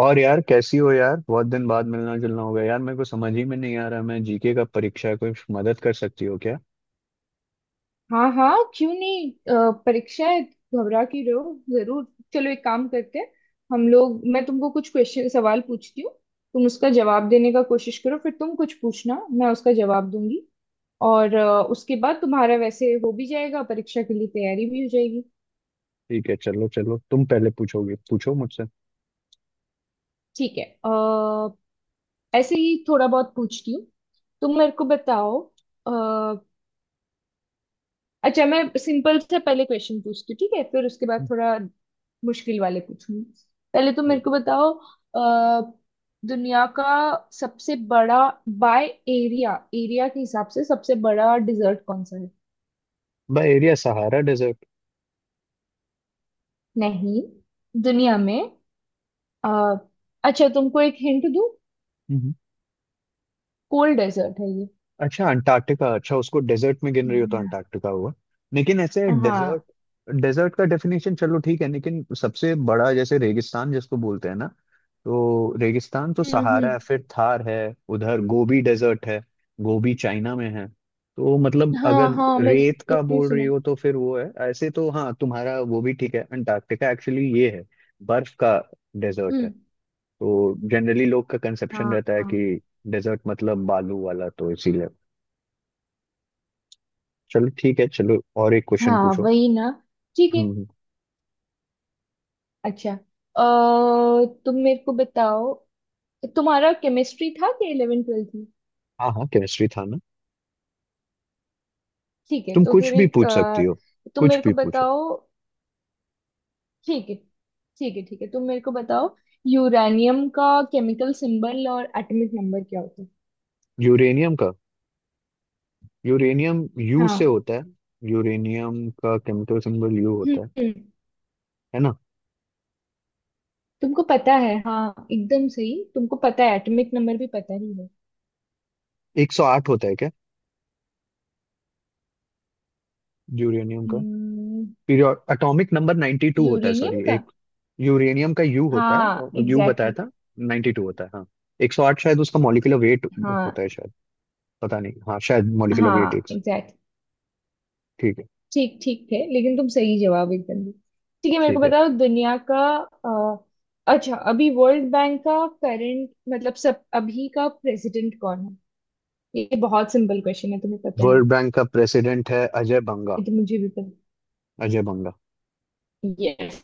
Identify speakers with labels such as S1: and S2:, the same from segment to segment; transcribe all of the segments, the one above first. S1: और यार कैसी हो यार? बहुत दिन बाद मिलना जुलना हो गया यार, मेरे को समझ ही में नहीं आ रहा। मैं जीके का परीक्षा है, कोई मदद कर सकती हो क्या?
S2: हाँ हाँ, क्यों नहीं। परीक्षा है। घबरा के रहो जरूर। चलो, एक काम करते हैं। हम लोग मैं तुमको कुछ क्वेश्चन सवाल पूछती हूँ। तुम उसका जवाब देने का कोशिश करो, फिर तुम कुछ पूछना मैं उसका जवाब दूंगी। और उसके बाद तुम्हारा वैसे हो भी जाएगा, परीक्षा के लिए तैयारी भी हो जाएगी।
S1: ठीक है, चलो चलो तुम पहले पूछोगे, पूछो मुझसे।
S2: ठीक है। ऐसे ही थोड़ा बहुत पूछती हूँ। तुम मेरे को बताओ। अच्छा, मैं सिंपल से पहले क्वेश्चन पूछती हूँ, ठीक है? फिर उसके बाद थोड़ा मुश्किल वाले पूछूंगी। पहले तो
S1: हम्म।
S2: मेरे को बताओ, अ, दुनिया का सबसे बड़ा, बाय एरिया, एरिया के हिसाब से सबसे बड़ा डिजर्ट कौन सा है?
S1: By area Sahara desert.
S2: नहीं, दुनिया में। अ, अच्छा, तुमको एक हिंट दूँ, कोल्ड डेजर्ट है ये।
S1: अच्छा अंटार्कटिका, अच्छा उसको डेजर्ट में गिन रही हो तो
S2: Yeah.
S1: अंटार्कटिका हुआ। लेकिन ऐसे डेजर्ट,
S2: हाँ।
S1: डेजर्ट का डेफिनेशन चलो ठीक है, लेकिन सबसे बड़ा जैसे रेगिस्तान जिसको बोलते हैं ना, तो रेगिस्तान तो सहारा
S2: हम्म।
S1: है, फिर थार है, उधर गोबी डेजर्ट है, गोबी चाइना में है। तो मतलब अगर
S2: हाँ हाँ,
S1: रेत
S2: मैंने
S1: का
S2: भी
S1: बोल
S2: सुना
S1: रही
S2: है।
S1: हो तो फिर वो है, ऐसे तो हाँ तुम्हारा वो भी ठीक है। अंटार्कटिका एक्चुअली ये है बर्फ का डेजर्ट है।
S2: हम्म।
S1: तो जनरली लोग का कंसेप्शन
S2: हाँ
S1: रहता है
S2: हाँ
S1: कि डेजर्ट मतलब बालू वाला, तो इसीलिए। चलो ठीक है, चलो और एक क्वेश्चन
S2: हाँ,
S1: पूछो।
S2: वही ना। ठीक है।
S1: हम्म।
S2: अच्छा, अ, तुम मेरे को बताओ, तुम्हारा केमिस्ट्री था कि 11वीं 12वीं में?
S1: हाँ हाँ, केमिस्ट्री था ना।
S2: ठीक है,
S1: तुम
S2: तो
S1: कुछ
S2: फिर
S1: भी
S2: एक
S1: पूछ सकती हो,
S2: तुम
S1: कुछ
S2: मेरे
S1: भी
S2: को
S1: पूछो।
S2: बताओ। ठीक है ठीक है ठीक है, तुम मेरे को बताओ, यूरेनियम का केमिकल सिंबल और एटॉमिक नंबर क्या होता है?
S1: यूरेनियम का, यूरेनियम यू से
S2: हाँ।
S1: होता है। यूरेनियम का केमिकल सिंबल यू होता है
S2: हम्म।
S1: है ना।
S2: तुमको पता है, हाँ एकदम सही। तुमको पता है एटॉमिक नंबर भी पता ही है।
S1: 108 होता है क्या यूरेनियम का?
S2: हम्म।
S1: पीरियड एटॉमिक नंबर 92 होता है,
S2: यूरेनियम
S1: सॉरी
S2: का।
S1: एक। यूरेनियम का यू होता है
S2: हाँ
S1: और यू
S2: एग्जैक्टली,
S1: बताया
S2: exactly.
S1: था। 92 होता है हाँ। 108 शायद उसका मॉलिक्यूलर वेट
S2: हाँ
S1: होता है शायद, पता नहीं। हाँ शायद मॉलिक्यूलर वेट एक।
S2: हाँ एग्जैक्टली।
S1: ठीक है।
S2: ठीक ठीक थे, लेकिन तुम सही जवाब एकदम दिए। ठीक है, मेरे को
S1: ठीक है,
S2: बताओ अ, अच्छा, अभी वर्ल्ड बैंक का करंट, मतलब सब अभी का प्रेसिडेंट कौन है? ये बहुत सिंपल क्वेश्चन है, तुम्हें पता है।
S1: वर्ल्ड बैंक का प्रेसिडेंट है अजय
S2: ये
S1: बंगा,
S2: तो मुझे भी पता।
S1: अजय बंगा।
S2: यस।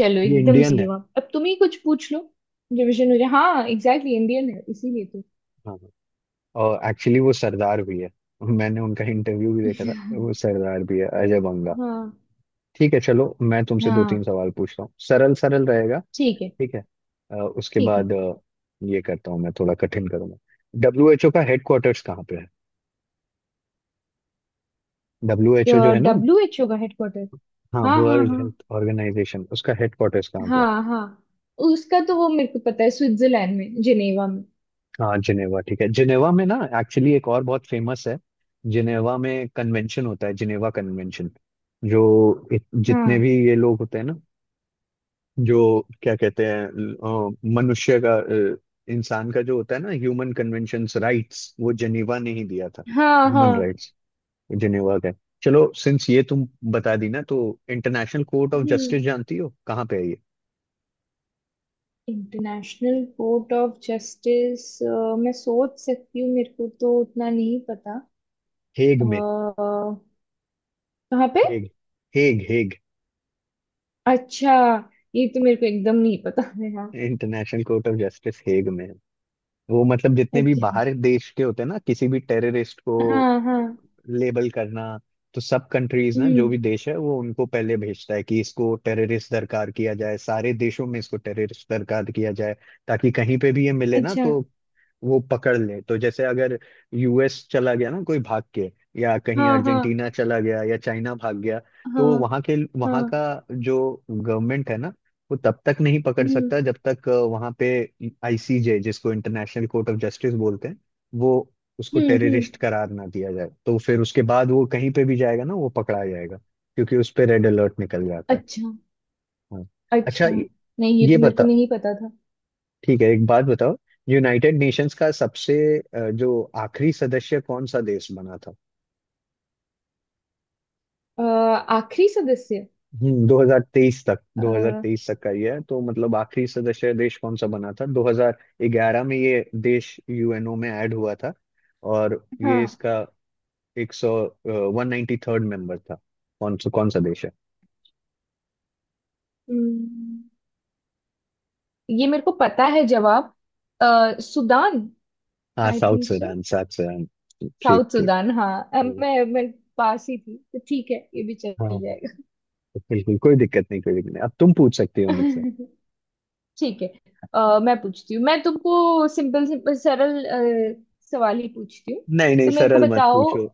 S2: चलो,
S1: ये
S2: एकदम
S1: इंडियन
S2: सही
S1: है।
S2: जवाब। अब तुम ही कुछ पूछ लो। रिविजन हो जाए। हाँ एग्जैक्टली, इंडियन है इसीलिए तो।
S1: हाँ हाँ। और एक्चुअली वो सरदार भी है। मैंने उनका इंटरव्यू भी देखा था, वो सरदार भी है अजय बंगा।
S2: हाँ
S1: ठीक है, चलो मैं तुमसे दो तीन
S2: हाँ।
S1: सवाल पूछता हूँ, सरल सरल रहेगा।
S2: ठीक है,
S1: ठीक है। उसके
S2: ठीक है।
S1: बाद ये करता हूँ, मैं थोड़ा कठिन करूंगा। डब्ल्यू एच ओ का हेडक्वार्टर्स कहाँ पे है? डब्ल्यू एच ओ जो है ना।
S2: डब्ल्यू एच ओ का हेडक्वार्टर?
S1: हाँ
S2: हाँ हाँ
S1: वर्ल्ड
S2: हाँ।
S1: हेल्थ ऑर्गेनाइजेशन, उसका हेडक्वार्टर्स कहाँ?
S2: हाँ हाँ, उसका तो वो मेरे को पता है, स्विट्जरलैंड में, जिनेवा में।
S1: हाँ जिनेवा, ठीक है जिनेवा में ना। एक्चुअली एक और बहुत फेमस है, जिनेवा में कन्वेंशन होता है, जिनेवा कन्वेंशन। जो जितने
S2: हाँ
S1: भी ये लोग होते हैं ना, जो क्या कहते हैं मनुष्य का, इंसान का जो होता है ना, ह्यूमन कन्वेंशंस राइट्स, वो जिनेवा ने ही दिया था।
S2: हाँ हाँ।
S1: ह्यूमन राइट्स जिनेवा का है। चलो सिंस ये तुम बता दी ना, तो international court of
S2: hmm.
S1: Justice जानती हो कहाँ पे है ये?
S2: इंटरनेशनल कोर्ट ऑफ जस्टिस, मैं सोच सकती हूँ, मेरे को तो उतना नहीं पता।
S1: हेग में,
S2: अ, कहाँ पे?
S1: Hague, Hague Hague.
S2: अच्छा, ये तो मेरे को एकदम नहीं पता है। हाँ।
S1: International court of justice Hague में है। वो मतलब जितने भी
S2: अच्छा।
S1: बाहर देश के होते हैं ना, किसी भी टेररिस्ट को
S2: हाँ हाँ।
S1: लेबल करना, तो सब कंट्रीज ना जो
S2: हम्म।
S1: भी देश है वो उनको पहले भेजता है कि इसको टेररिस्ट दरकार किया जाए, सारे देशों में इसको टेररिस्ट दरकार किया जाए, ताकि कहीं पे भी ये मिले ना
S2: अच्छा।
S1: तो वो पकड़ ले। तो जैसे अगर यूएस चला गया ना कोई भाग के, या कहीं
S2: हाँ हाँ।
S1: अर्जेंटीना चला गया, या चाइना भाग गया, तो
S2: हाँ
S1: वहां के, वहां का
S2: हाँ।
S1: जो गवर्नमेंट है ना, वो तब तक नहीं पकड़
S2: हम्म
S1: सकता जब तक वहां पे आईसीजे, जिसको इंटरनेशनल कोर्ट ऑफ जस्टिस बोलते हैं, वो उसको
S2: हम्म। हम्म।
S1: टेररिस्ट करार ना दिया जाए। तो फिर उसके बाद वो कहीं पे भी जाएगा ना, वो पकड़ा जाएगा, क्योंकि उस पे रेड अलर्ट निकल जाता है।
S2: अच्छा।
S1: हाँ। अच्छा
S2: अच्छा,
S1: ये
S2: नहीं ये
S1: ये
S2: तो मेरे को
S1: बता,
S2: नहीं पता था।
S1: ठीक है एक बात बताओ, यूनाइटेड नेशंस का सबसे जो आखिरी सदस्य कौन सा देश बना था?
S2: आखिरी सदस्य?
S1: हम्म, 2023 तक,
S2: अ,
S1: 2023 तक का ये है। तो मतलब आखिरी सदस्य देश कौन सा बना था? 2011 में ये देश यूएनओ में ऐड हुआ था। और ये
S2: हाँ।
S1: इसका 193rd मेंबर था। कौन सा, कौन सा देश है?
S2: हम्म, ये मेरे को पता है जवाब। सुदान।
S1: हाँ
S2: I
S1: south
S2: think so.
S1: Sudan, south Sudan. ठीक
S2: साउथ
S1: ठीक।
S2: सुदान। हाँ,
S1: हम्म।
S2: मैं पास ही थी, तो ठीक है ये भी चल
S1: हाँ हाँ,
S2: जाएगा।
S1: बिल्कुल कोई दिक्कत नहीं, कोई दिक्कत नहीं। अब तुम पूछ सकती हो मुझसे।
S2: ठीक है। मैं पूछती हूँ, मैं तुमको सिंपल सिंपल सरल अ, सवाल ही पूछती हूँ।
S1: नहीं नहीं,
S2: तो मेरे को
S1: सरल मत
S2: बताओ।
S1: पूछो,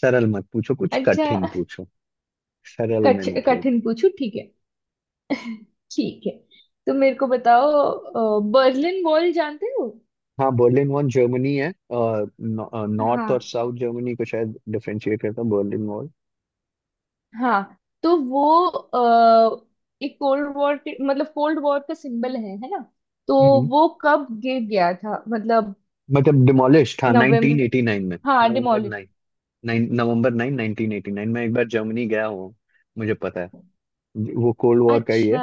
S1: सरल मत पूछो, कुछ
S2: अच्छा,
S1: कठिन पूछो। सरल में नहीं खेल।
S2: कठिन पूछू? ठीक है, ठीक है। तो मेरे को बताओ, बर्लिन वॉल जानते हो?
S1: हाँ बर्लिन वॉल, जर्मनी है, नॉर्थ और
S2: हाँ
S1: साउथ जर्मनी को शायद डिफरेंशिएट करता है बर्लिन वॉल।
S2: हाँ। तो वो एक कोल्ड वॉर के, मतलब कोल्ड वॉर का सिंबल है ना? तो
S1: हम्म।
S2: वो कब गिर गया था मतलब?
S1: मतलब डिमोलिश था
S2: नवंबर।
S1: 1989 में,
S2: हाँ,
S1: नवंबर
S2: डिमोलिश।
S1: 9, नाइन नवंबर 9 1989 में। एक बार जर्मनी गया हूँ, मुझे पता है। वो कोल्ड वॉर का ही
S2: अच्छा।
S1: है।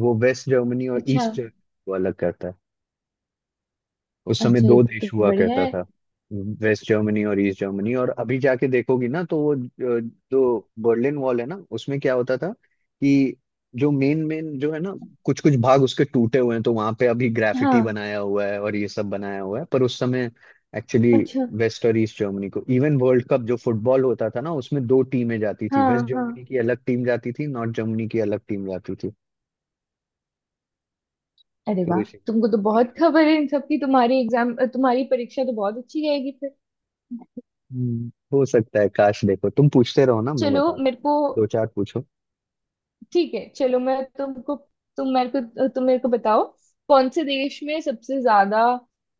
S1: वो वेस्ट जर्मनी और
S2: अच्छा।
S1: ईस्ट जर्मनी को अलग करता है। उस समय
S2: अच्छा, ये
S1: दो
S2: तो
S1: देश हुआ
S2: बढ़िया
S1: करता
S2: है।
S1: था, वेस्ट जर्मनी और ईस्ट जर्मनी। और अभी जाके देखोगी ना तो वो जो, जो बर्लिन वॉल है ना, उसमें क्या होता था कि जो मेन मेन जो है ना, कुछ कुछ भाग उसके टूटे हुए हैं, तो वहां पे अभी ग्राफिटी
S2: हाँ।
S1: बनाया हुआ है और ये सब बनाया हुआ है, पर उस समय एक्चुअली
S2: अच्छा।
S1: वेस्ट और ईस्ट जर्मनी को इवन वर्ल्ड कप जो फुटबॉल होता था ना, उसमें दो टीमें जाती थी, वेस्ट
S2: हाँ हाँ।
S1: जर्मनी की अलग टीम जाती थी, नॉर्थ जर्मनी की अलग टीम जाती थी।
S2: अरे
S1: तो
S2: वाह,
S1: इसी।
S2: तुमको तो बहुत खबर है इन सबकी, तुम्हारी एग्जाम, तुम्हारी परीक्षा तो बहुत अच्छी जाएगी फिर।
S1: हो सकता है। काश देखो तुम पूछते रहो ना, मैं
S2: चलो,
S1: बता,
S2: मेरे को
S1: दो चार पूछो।
S2: ठीक है। चलो, मैं तुमको तुम मेरे को बताओ, कौन से देश में सबसे ज्यादा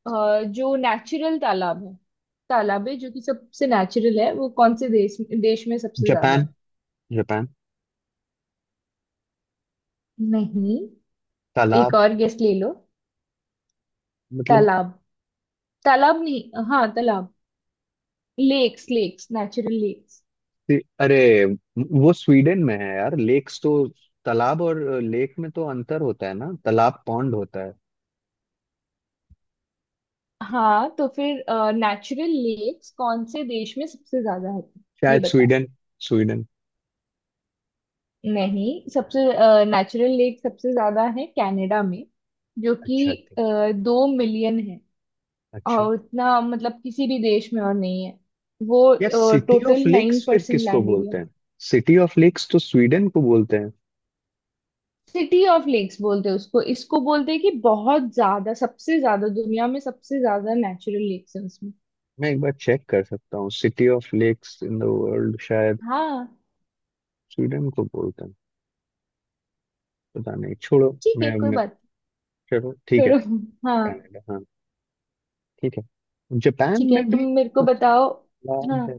S2: जो नेचुरल तालाब है, तालाब है जो कि सबसे नेचुरल है, वो कौन से देश देश में सबसे ज्यादा
S1: जापान,
S2: है?
S1: जापान।
S2: नहीं, एक
S1: तालाब,
S2: और गेस ले लो।
S1: मतलब
S2: तालाब। तालाब नहीं, हाँ तालाब, लेक्स लेक्स नेचुरल लेक्स।
S1: कि- अरे वो स्वीडन में है यार लेक्स तो। तालाब और लेक में तो अंतर होता है ना, तालाब पॉन्ड होता है।
S2: हाँ, तो फिर नेचुरल लेक्स कौन से देश में सबसे ज्यादा है, ये
S1: शायद
S2: बताओ।
S1: Sweden, Sweden.
S2: नहीं, सबसे नेचुरल लेक सबसे ज्यादा है कनाडा में, जो कि
S1: अच्छा ठीक।
S2: अ, 2 मिलियन है।
S1: अच्छा
S2: और उतना मतलब किसी भी देश में और नहीं है।
S1: यार,
S2: वो
S1: city of
S2: total nine
S1: lakes फिर
S2: परसेंट
S1: किसको
S2: लैंड एरिया।
S1: बोलते हैं? सिटी ऑफ लेक्स तो स्वीडन को बोलते हैं।
S2: सिटी ऑफ लेक्स बोलते हैं उसको, इसको बोलते हैं कि बहुत ज्यादा, सबसे ज्यादा दुनिया में सबसे ज्यादा नेचुरल लेक्स है उसमें।
S1: मैं एक बार चेक कर सकता हूँ, city of lakes in the world शायद
S2: हाँ।
S1: स्वीडन को बोलते हैं। पता नहीं, छोड़ो।
S2: ठीक है,
S1: मैं,
S2: कोई
S1: मैं
S2: बात
S1: चलो ठीक
S2: नहीं,
S1: है।
S2: छोड़ो। हाँ।
S1: कनाडा हाँ, ठीक है। जापान
S2: ठीक है,
S1: में
S2: तुम
S1: भी
S2: मेरे को
S1: सबसे
S2: बताओ। हाँ,
S1: लाभ है।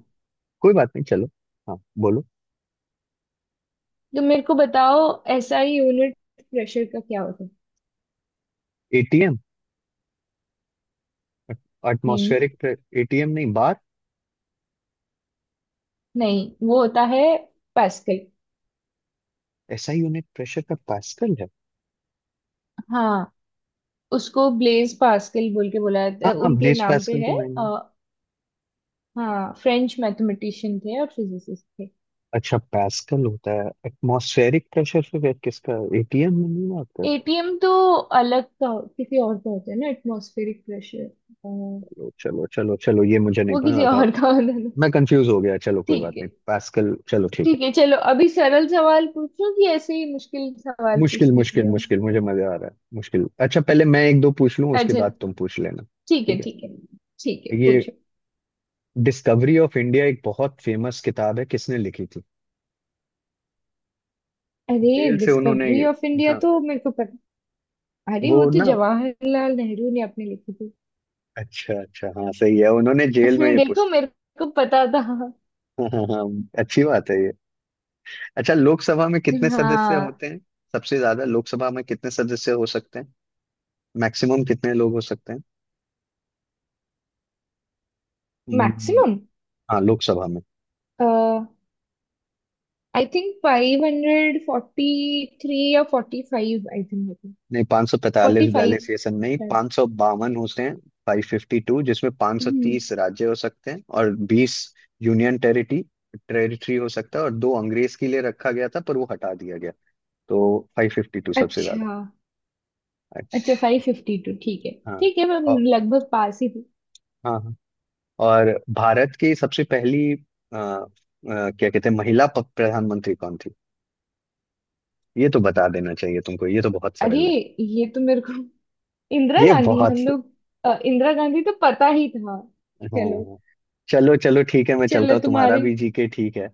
S1: कोई बात नहीं, चलो। हाँ बोलो।
S2: तुम मेरे को बताओ, एसआई यूनिट प्रेशर का क्या होता है?
S1: एटीएम,
S2: नहीं,
S1: एटमॉस्फेरिक, एटीएम नहीं, बार।
S2: नहीं वो होता है पास्कल।
S1: एसआई यूनिट प्रेशर का पास्कल है।
S2: हाँ, उसको ब्लेज पास्कल बोल के बुलाया जाता
S1: हाँ
S2: है।
S1: हाँ,
S2: उनके
S1: ब्लेस
S2: नाम पे
S1: पास्कल
S2: है।
S1: तो आए नहीं।
S2: हाँ, फ्रेंच मैथमेटिशियन थे और फिजिसिस्ट थे।
S1: अच्छा पास्कल होता है, एटमॉस्फेरिक प्रेशर फिर किसका? एटीएम में नहीं बात करता।
S2: एटीएम तो अलग का, किसी और का होता है ना एटमॉस्फेरिक प्रेशर,
S1: चलो चलो चलो चलो, ये मुझे नहीं
S2: वो किसी
S1: पता था।
S2: और का होता है।
S1: मैं कंफ्यूज हो गया, चलो कोई बात
S2: ठीक है,
S1: नहीं, पास्कल, चलो ठीक है।
S2: ठीक है। चलो, अभी सरल सवाल पूछूं कि ऐसे ही मुश्किल सवाल
S1: मुश्किल
S2: पूछती
S1: मुश्किल
S2: है?
S1: मुश्किल, मुझे मजा आ रहा है मुश्किल। अच्छा पहले मैं एक दो पूछ लूं, उसके
S2: अच्छा।
S1: बाद तुम पूछ लेना।
S2: ठीक है,
S1: ठीक है।
S2: ठीक है। ठीक है,
S1: ये
S2: पूछो।
S1: डिस्कवरी ऑफ इंडिया एक बहुत फेमस किताब है, किसने लिखी थी?
S2: अरे,
S1: जेल से उन्होंने।
S2: डिस्कवरी ऑफ इंडिया
S1: हाँ
S2: तो मेरे को पता। अरे, वो
S1: वो
S2: तो
S1: ना,
S2: जवाहरलाल नेहरू ने अपने लिखी थी।
S1: अच्छा अच्छा हाँ सही है, उन्होंने जेल में ये
S2: देखो,
S1: पुस्तक।
S2: मेरे को पता था।
S1: हाँ हाँ हाँ, अच्छी बात है ये। अच्छा लोकसभा में कितने सदस्य
S2: हाँ।
S1: होते हैं? सबसे ज्यादा लोकसभा में कितने सदस्य हो सकते हैं? मैक्सिमम कितने लोग हो सकते हैं? हम्म।
S2: मैक्सिमम?
S1: हाँ लोकसभा में।
S2: आई थिंक 543 या 45, आई थिंक होती।
S1: नहीं 545
S2: 45
S1: बैलेंस सेशन, नहीं
S2: शायद।
S1: 552 होते हैं, 552, जिसमें पाँच सौ
S2: हम्म।
S1: तीस राज्य हो सकते हैं और 20 यूनियन टेरिटरी, टेरिटरी हो सकता है, और दो अंग्रेज के लिए रखा गया था पर वो हटा दिया गया। तो 552 सबसे ज्यादा।
S2: अच्छा, अच्छा फाइव
S1: अच्छा।
S2: फिफ्टी टू ठीक है।
S1: हाँ
S2: ठीक है, मैं
S1: और,
S2: लगभग पास ही थी।
S1: हाँ हाँ। और भारत की सबसे पहली आ, आ, क्या कहते हैं, महिला प्रधानमंत्री कौन थी? ये तो बता देना चाहिए तुमको, ये तो बहुत
S2: अरे,
S1: सरल है।
S2: ये तो मेरे को इंदिरा
S1: ये
S2: गांधी।
S1: बहुत।
S2: हम लोग। इंदिरा गांधी तो पता ही था। चलो।
S1: हाँ। चलो चलो ठीक है, मैं चलता
S2: चलो,
S1: हूँ, तुम्हारा
S2: तुम्हारे।
S1: भी जीके ठीक है।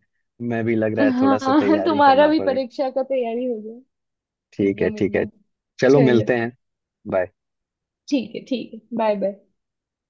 S1: मैं भी लग रहा है थोड़ा सा
S2: हाँ,
S1: तैयारी
S2: तुम्हारा
S1: करना
S2: भी
S1: पड़ेगी।
S2: परीक्षा का तैयारी हो।
S1: ठीक है
S2: एकदम
S1: ठीक है।
S2: एकदम।
S1: चलो
S2: चलो।
S1: मिलते हैं, बाय।
S2: ठीक है, ठीक है, बाय बाय।